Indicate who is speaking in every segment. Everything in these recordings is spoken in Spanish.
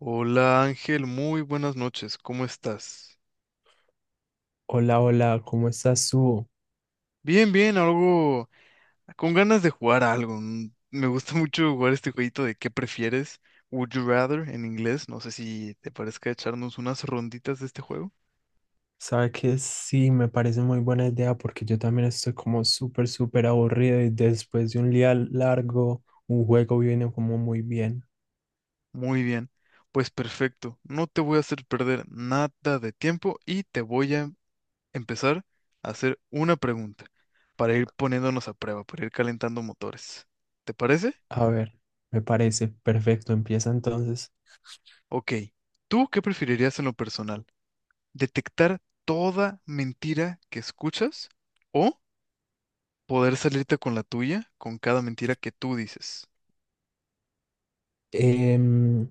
Speaker 1: Hola Ángel, muy buenas noches, ¿cómo estás?
Speaker 2: Hola, hola, ¿cómo estás tú?
Speaker 1: Bien, bien, algo con ganas de jugar a algo. Me gusta mucho jugar este jueguito de ¿qué prefieres? Would you rather en inglés. No sé si te parezca echarnos unas ronditas de este juego.
Speaker 2: Sabe que sí, me parece muy buena idea porque yo también estoy como súper, súper aburrido y después de un día largo, un juego viene como muy bien.
Speaker 1: Muy bien, pues perfecto. No te voy a hacer perder nada de tiempo y te voy a empezar a hacer una pregunta para ir poniéndonos a prueba, para ir calentando motores. ¿Te parece?
Speaker 2: A ver, me parece perfecto, empieza entonces.
Speaker 1: Ok. ¿Tú qué preferirías en lo personal? ¿Detectar toda mentira que escuchas o poder salirte con la tuya con cada mentira que tú dices?
Speaker 2: Em,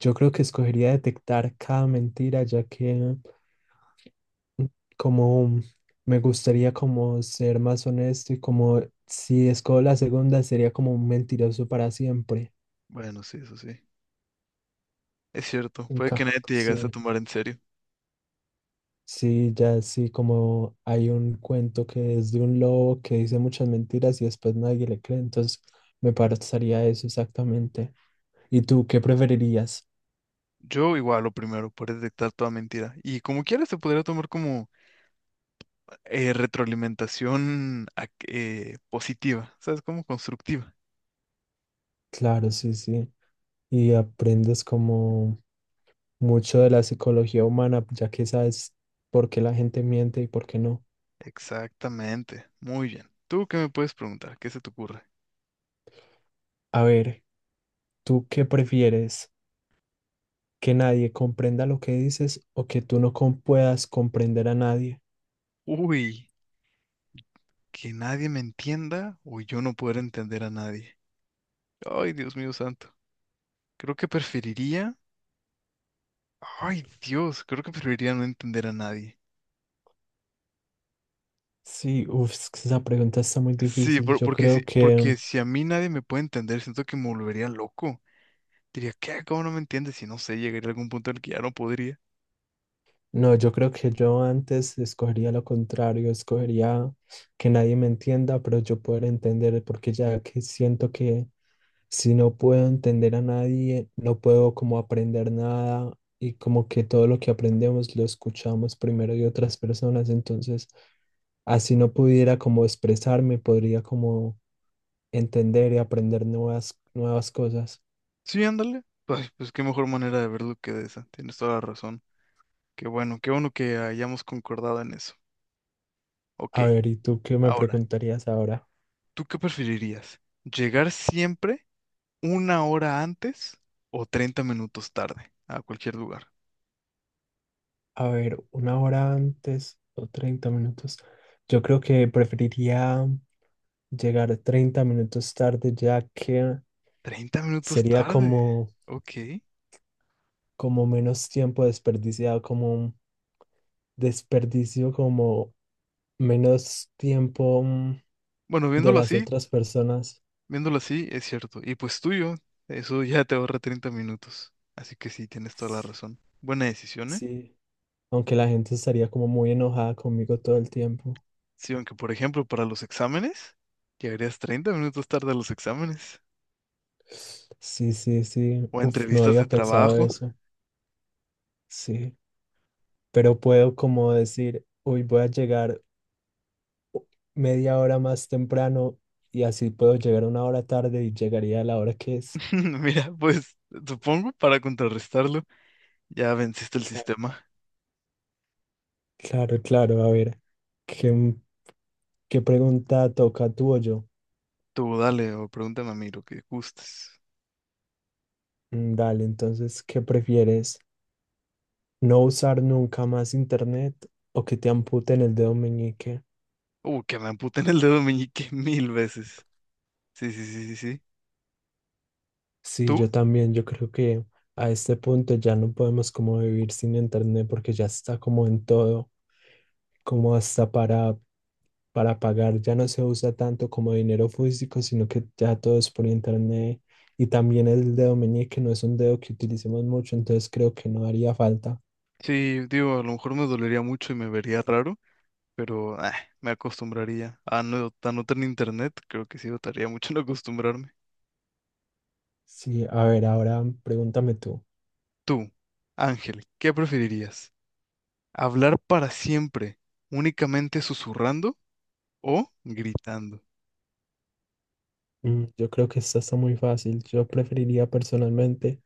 Speaker 2: yo creo que escogería detectar cada mentira ya que como me gustaría como ser más honesto y como si escojo la segunda sería como un mentiroso para siempre.
Speaker 1: Bueno, sí, eso sí. Es cierto, puede
Speaker 2: Nunca,
Speaker 1: que nadie te llegase a
Speaker 2: sí.
Speaker 1: tomar en serio.
Speaker 2: Sí, ya sí, como hay un cuento que es de un lobo que dice muchas mentiras y después nadie le cree, entonces me parecería eso exactamente. ¿Y tú qué preferirías?
Speaker 1: Yo igual lo primero, por detectar toda mentira. Y como quieras, se podría tomar como retroalimentación positiva, ¿sabes? Como constructiva.
Speaker 2: Claro, sí, sí. Y aprendes como mucho de la psicología humana, ya que sabes por qué la gente miente y por qué no.
Speaker 1: Exactamente, muy bien. ¿Tú qué me puedes preguntar? ¿Qué se te ocurre?
Speaker 2: A ver, ¿tú qué prefieres? ¿Que nadie comprenda lo que dices o que tú no com- puedas comprender a nadie?
Speaker 1: Uy, que nadie me entienda o yo no poder entender a nadie. Ay, Dios mío santo. Creo que preferiría. Ay, Dios, creo que preferiría no entender a nadie.
Speaker 2: Sí, uff, esa pregunta está muy
Speaker 1: Sí,
Speaker 2: difícil.
Speaker 1: por-
Speaker 2: Yo
Speaker 1: porque si,
Speaker 2: creo que...
Speaker 1: porque si a mí nadie me puede entender, siento que me volvería loco. Diría, ¿qué? ¿Cómo no me entiendes? Y no sé, llegaría a algún punto en el que ya no podría.
Speaker 2: No, yo creo que yo antes escogería lo contrario, escogería que nadie me entienda, pero yo poder entender, porque ya que siento que si no puedo entender a nadie, no puedo como aprender nada y como que todo lo que aprendemos lo escuchamos primero de otras personas, entonces así no pudiera como expresarme, podría como entender y aprender nuevas cosas.
Speaker 1: Sí, ándale. Pues, pues qué mejor manera de verlo que de esa. Tienes toda la razón. Qué bueno que hayamos concordado en eso. Ok,
Speaker 2: A ver, ¿y tú qué me
Speaker 1: ahora,
Speaker 2: preguntarías ahora?
Speaker 1: ¿tú qué preferirías? ¿Llegar siempre una hora antes o 30 minutos tarde a cualquier lugar?
Speaker 2: A ver, una hora antes o 30 minutos. Yo creo que preferiría llegar 30 minutos tarde, ya que
Speaker 1: Treinta minutos
Speaker 2: sería
Speaker 1: tarde.
Speaker 2: como,
Speaker 1: Ok.
Speaker 2: como menos tiempo desperdiciado, como un desperdicio, como menos tiempo
Speaker 1: Bueno,
Speaker 2: de
Speaker 1: viéndolo
Speaker 2: las
Speaker 1: así,
Speaker 2: otras personas.
Speaker 1: viéndolo así, es cierto. Y pues tuyo, eso ya te ahorra 30 minutos. Así que sí, tienes toda la razón. Buena decisión, ¿eh?
Speaker 2: Sí, aunque la gente estaría como muy enojada conmigo todo el tiempo.
Speaker 1: Sí, aunque por ejemplo, para los exámenes, llegarías 30 minutos tarde a los exámenes
Speaker 2: Sí, sí, sí.
Speaker 1: o a
Speaker 2: Uf, no
Speaker 1: entrevistas de
Speaker 2: había pensado
Speaker 1: trabajo.
Speaker 2: eso. Sí, pero puedo como decir, hoy voy a llegar media hora más temprano y así puedo llegar una hora tarde y llegaría a la hora que es.
Speaker 1: Mira, pues supongo para contrarrestarlo. Ya venciste el
Speaker 2: Claro,
Speaker 1: sistema.
Speaker 2: claro, claro. A ver, ¿qué, ¿qué pregunta toca tú o yo?
Speaker 1: Tú dale o pregúntame a mí lo que gustes.
Speaker 2: Mm, dale, entonces, ¿qué prefieres? ¿No usar nunca más internet o que te amputen el dedo meñique?
Speaker 1: Que me amputen el dedo meñique mil veces. Sí, sí, sí, sí, sí.
Speaker 2: Sí,
Speaker 1: ¿Tú?
Speaker 2: yo también, yo creo que a este punto ya no podemos como vivir sin internet porque ya está como en todo, como hasta para pagar ya no se usa tanto como dinero físico, sino que ya todo es por internet y también el dedo meñique no es un dedo que utilicemos mucho, entonces creo que no haría falta.
Speaker 1: Sí, digo, a lo mejor me dolería mucho y me vería raro, pero ah, me acostumbraría. A no tener internet, creo que sí dotaría mucho en acostumbrarme.
Speaker 2: Sí, a ver, ahora pregúntame tú.
Speaker 1: Tú, Ángel, ¿qué preferirías? ¿Hablar para siempre únicamente susurrando o gritando?
Speaker 2: Mm, yo creo que esta está muy fácil. Yo preferiría personalmente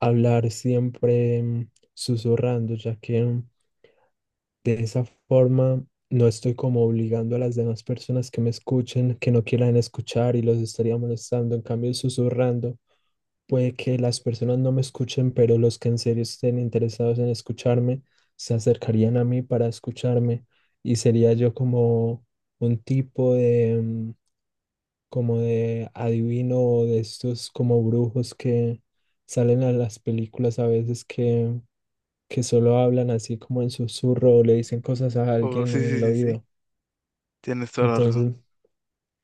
Speaker 2: hablar siempre susurrando, ya que de esa forma, no estoy como obligando a las demás personas que me escuchen, que no quieran escuchar y los estaría molestando. En cambio, susurrando, puede que las personas no me escuchen, pero los que en serio estén interesados en escucharme se acercarían a mí para escucharme y sería yo como un tipo de, como de adivino o de estos como brujos que salen a las películas a veces que solo hablan así como en susurro o le dicen cosas a
Speaker 1: Oh,
Speaker 2: alguien
Speaker 1: sí,
Speaker 2: en
Speaker 1: sí,
Speaker 2: el
Speaker 1: sí, sí.
Speaker 2: oído.
Speaker 1: Tienes toda la razón.
Speaker 2: Entonces,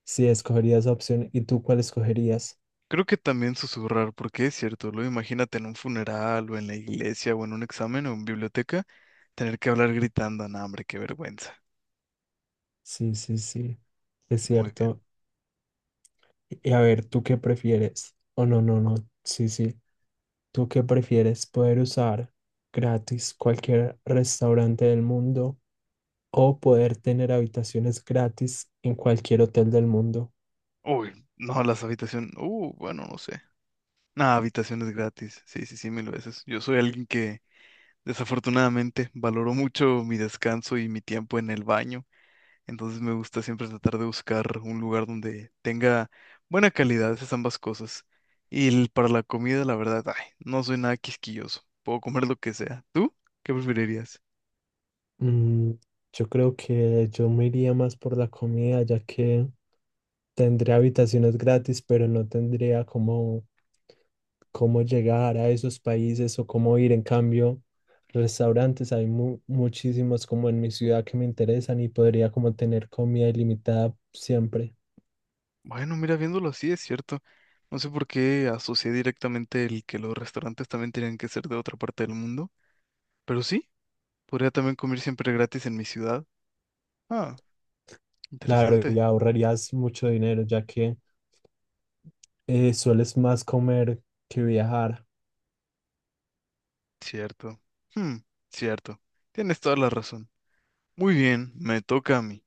Speaker 2: sí, escogería esa opción. ¿Y tú cuál escogerías?
Speaker 1: Creo que también susurrar, porque es cierto, luego imagínate en un funeral o en la iglesia o en un examen o en biblioteca, tener que hablar gritando, no, hombre, qué vergüenza.
Speaker 2: Sí, sí, sí, es
Speaker 1: Muy bien.
Speaker 2: cierto. Y a ver, ¿tú qué prefieres? Oh, no, no, no, sí, sí. ¿Tú qué prefieres? ¿Poder usar gratis cualquier restaurante del mundo o poder tener habitaciones gratis en cualquier hotel del mundo?
Speaker 1: Uy, no, las habitaciones, bueno, no sé. Nah, habitaciones gratis, sí, sí, sí, mil veces. Yo soy alguien que desafortunadamente valoró mucho mi descanso y mi tiempo en el baño. Entonces me gusta siempre tratar de buscar un lugar donde tenga buena calidad, esas ambas cosas. Y el- para la comida, la verdad, ay, no soy nada quisquilloso. Puedo comer lo que sea. ¿Tú? ¿Qué preferirías?
Speaker 2: Mm, yo creo que yo me iría más por la comida, ya que tendría habitaciones gratis, pero no tendría cómo llegar a esos países o cómo ir. En cambio, restaurantes hay muchísimos como en mi ciudad que me interesan y podría como tener comida ilimitada siempre.
Speaker 1: Bueno, mira, viéndolo así, es cierto. No sé por qué asocié directamente el que los restaurantes también tenían que ser de otra parte del mundo. Pero sí, podría también comer siempre gratis en mi ciudad. Ah,
Speaker 2: Claro,
Speaker 1: interesante.
Speaker 2: y ahorrarías mucho dinero ya que sueles más comer que viajar.
Speaker 1: Cierto. Hmm, cierto. Tienes toda la razón. Muy bien, me toca a mí.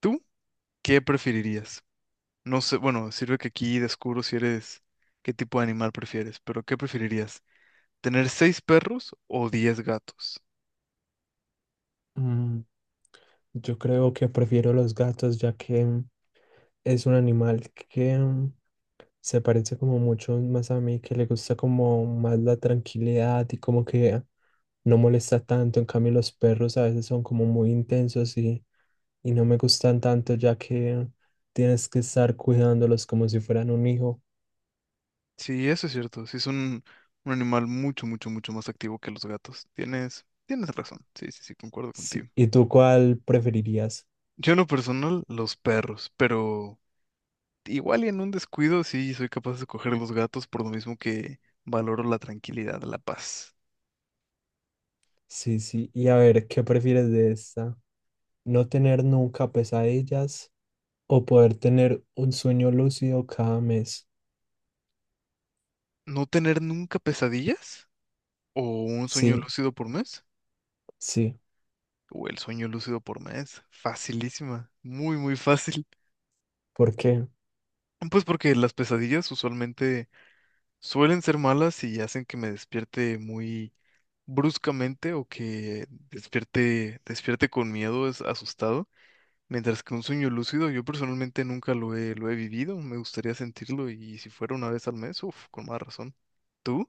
Speaker 1: ¿Tú? ¿Qué preferirías? No sé, bueno, sirve que aquí descubro si eres, qué tipo de animal prefieres, pero ¿qué preferirías? ¿Tener seis perros o 10 gatos?
Speaker 2: Mm, yo creo que prefiero los gatos ya que es un animal que se parece como mucho más a mí, que le gusta como más la tranquilidad y como que no molesta tanto. En cambio, los perros a veces son como muy intensos y no me gustan tanto ya que tienes que estar cuidándolos como si fueran un hijo.
Speaker 1: Sí, eso es cierto. Sí, es un animal mucho, mucho, mucho más activo que los gatos. Tienes razón. Sí, sí, sí, concuerdo
Speaker 2: Sí.
Speaker 1: contigo.
Speaker 2: ¿Y tú cuál preferirías?
Speaker 1: Yo en lo personal, los perros, pero igual y en un descuido sí soy capaz de coger los gatos por lo mismo que valoro la tranquilidad, la paz.
Speaker 2: Sí, sí. Y a ver, ¿qué prefieres de esta? ¿No tener nunca pesadillas o poder tener un sueño lúcido cada mes?
Speaker 1: ¿No tener nunca pesadillas? ¿O un sueño
Speaker 2: Sí,
Speaker 1: lúcido por mes?
Speaker 2: sí.
Speaker 1: O el sueño lúcido por mes. Facilísima. Muy, muy fácil.
Speaker 2: ¿Por qué?
Speaker 1: Pues porque las pesadillas usualmente suelen ser malas y hacen que me despierte muy bruscamente o que despierte con miedo, es asustado. Mientras que un sueño lúcido, yo personalmente nunca lo he vivido. Me gustaría sentirlo y si fuera una vez al mes, uff, con más razón. ¿Tú?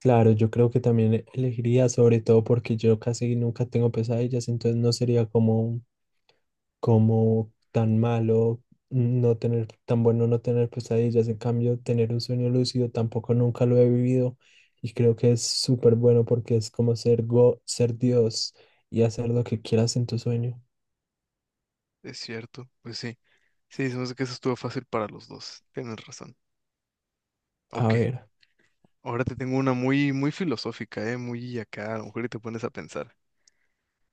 Speaker 2: Claro, yo creo que también elegiría, sobre todo porque yo casi nunca tengo pesadillas, entonces no sería como tan malo no tener, tan bueno no tener pesadillas. En cambio, tener un sueño lúcido tampoco nunca lo he vivido y creo que es súper bueno porque es como ser go, ser Dios y hacer lo que quieras en tu sueño.
Speaker 1: Es cierto, pues sí. Sí, se me hace que eso estuvo fácil para los dos. Tienes razón.
Speaker 2: A
Speaker 1: Ok.
Speaker 2: ver,
Speaker 1: Ahora te tengo una muy, muy filosófica, ¿eh? Muy acá, a lo mejor y te pones a pensar.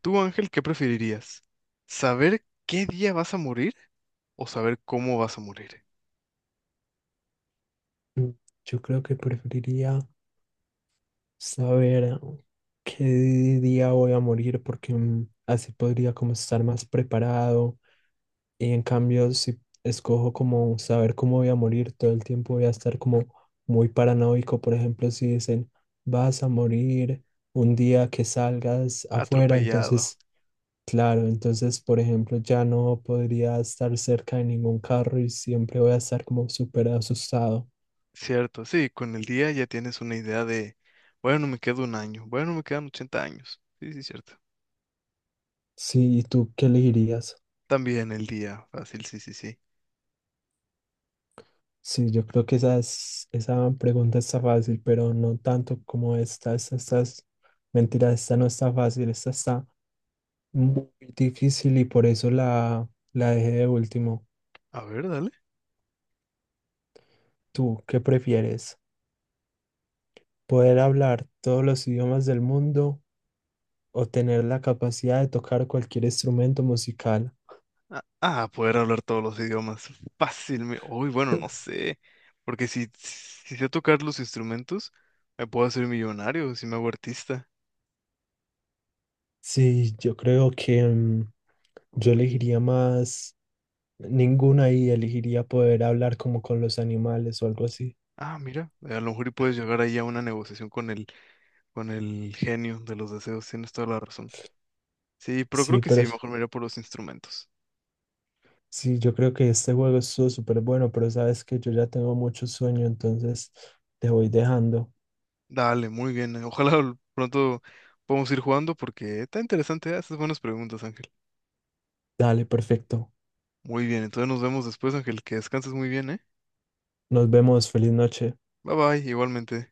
Speaker 1: Tú, Ángel, ¿qué preferirías? ¿Saber qué día vas a morir o saber cómo vas a morir?
Speaker 2: yo creo que preferiría saber qué día voy a morir porque así podría como estar más preparado. Y en cambio, si escojo como saber cómo voy a morir, todo el tiempo voy a estar como muy paranoico. Por ejemplo, si dicen, vas a morir un día que salgas afuera,
Speaker 1: Atropellado.
Speaker 2: entonces, claro, entonces, por ejemplo, ya no podría estar cerca de ningún carro y siempre voy a estar como súper asustado.
Speaker 1: Cierto, sí, con el día ya tienes una idea de, bueno, me quedo un año, bueno, me quedan 80 años. Sí, sí, cierto.
Speaker 2: Sí, ¿y tú qué elegirías?
Speaker 1: También el día, fácil, sí, sí, sí.
Speaker 2: Sí, yo creo que esa, esa pregunta está fácil, pero no tanto como esta. Esta mentira, esta no está fácil, esta está muy difícil y por eso la dejé de último.
Speaker 1: A ver, dale.
Speaker 2: ¿Tú qué prefieres? ¿Poder hablar todos los idiomas del mundo o tener la capacidad de tocar cualquier instrumento musical?
Speaker 1: Ah, ah, poder hablar todos los idiomas. Fácilmente. Uy, bueno, no sé. Porque si sé tocar los instrumentos, me puedo hacer millonario si me hago artista.
Speaker 2: Sí, yo creo que yo
Speaker 1: Uy.
Speaker 2: elegiría más ninguna y elegiría poder hablar como con los animales o algo así.
Speaker 1: Ah, mira. A lo mejor y puedes llegar ahí a una negociación con el genio de los deseos. Tienes toda la razón. Sí, pero creo
Speaker 2: Sí,
Speaker 1: que
Speaker 2: pero
Speaker 1: sí, mejor me iré por los instrumentos.
Speaker 2: sí, yo creo que este juego estuvo súper bueno, pero sabes que yo ya tengo mucho sueño, entonces te voy dejando.
Speaker 1: Dale, muy bien. Ojalá pronto podamos ir jugando porque está interesante. ¿Eh? Haces buenas preguntas, Ángel.
Speaker 2: Dale, perfecto.
Speaker 1: Muy bien, entonces nos vemos después, Ángel. Que descanses muy bien, ¿eh?
Speaker 2: Nos vemos, feliz noche.
Speaker 1: Bye bye, igualmente.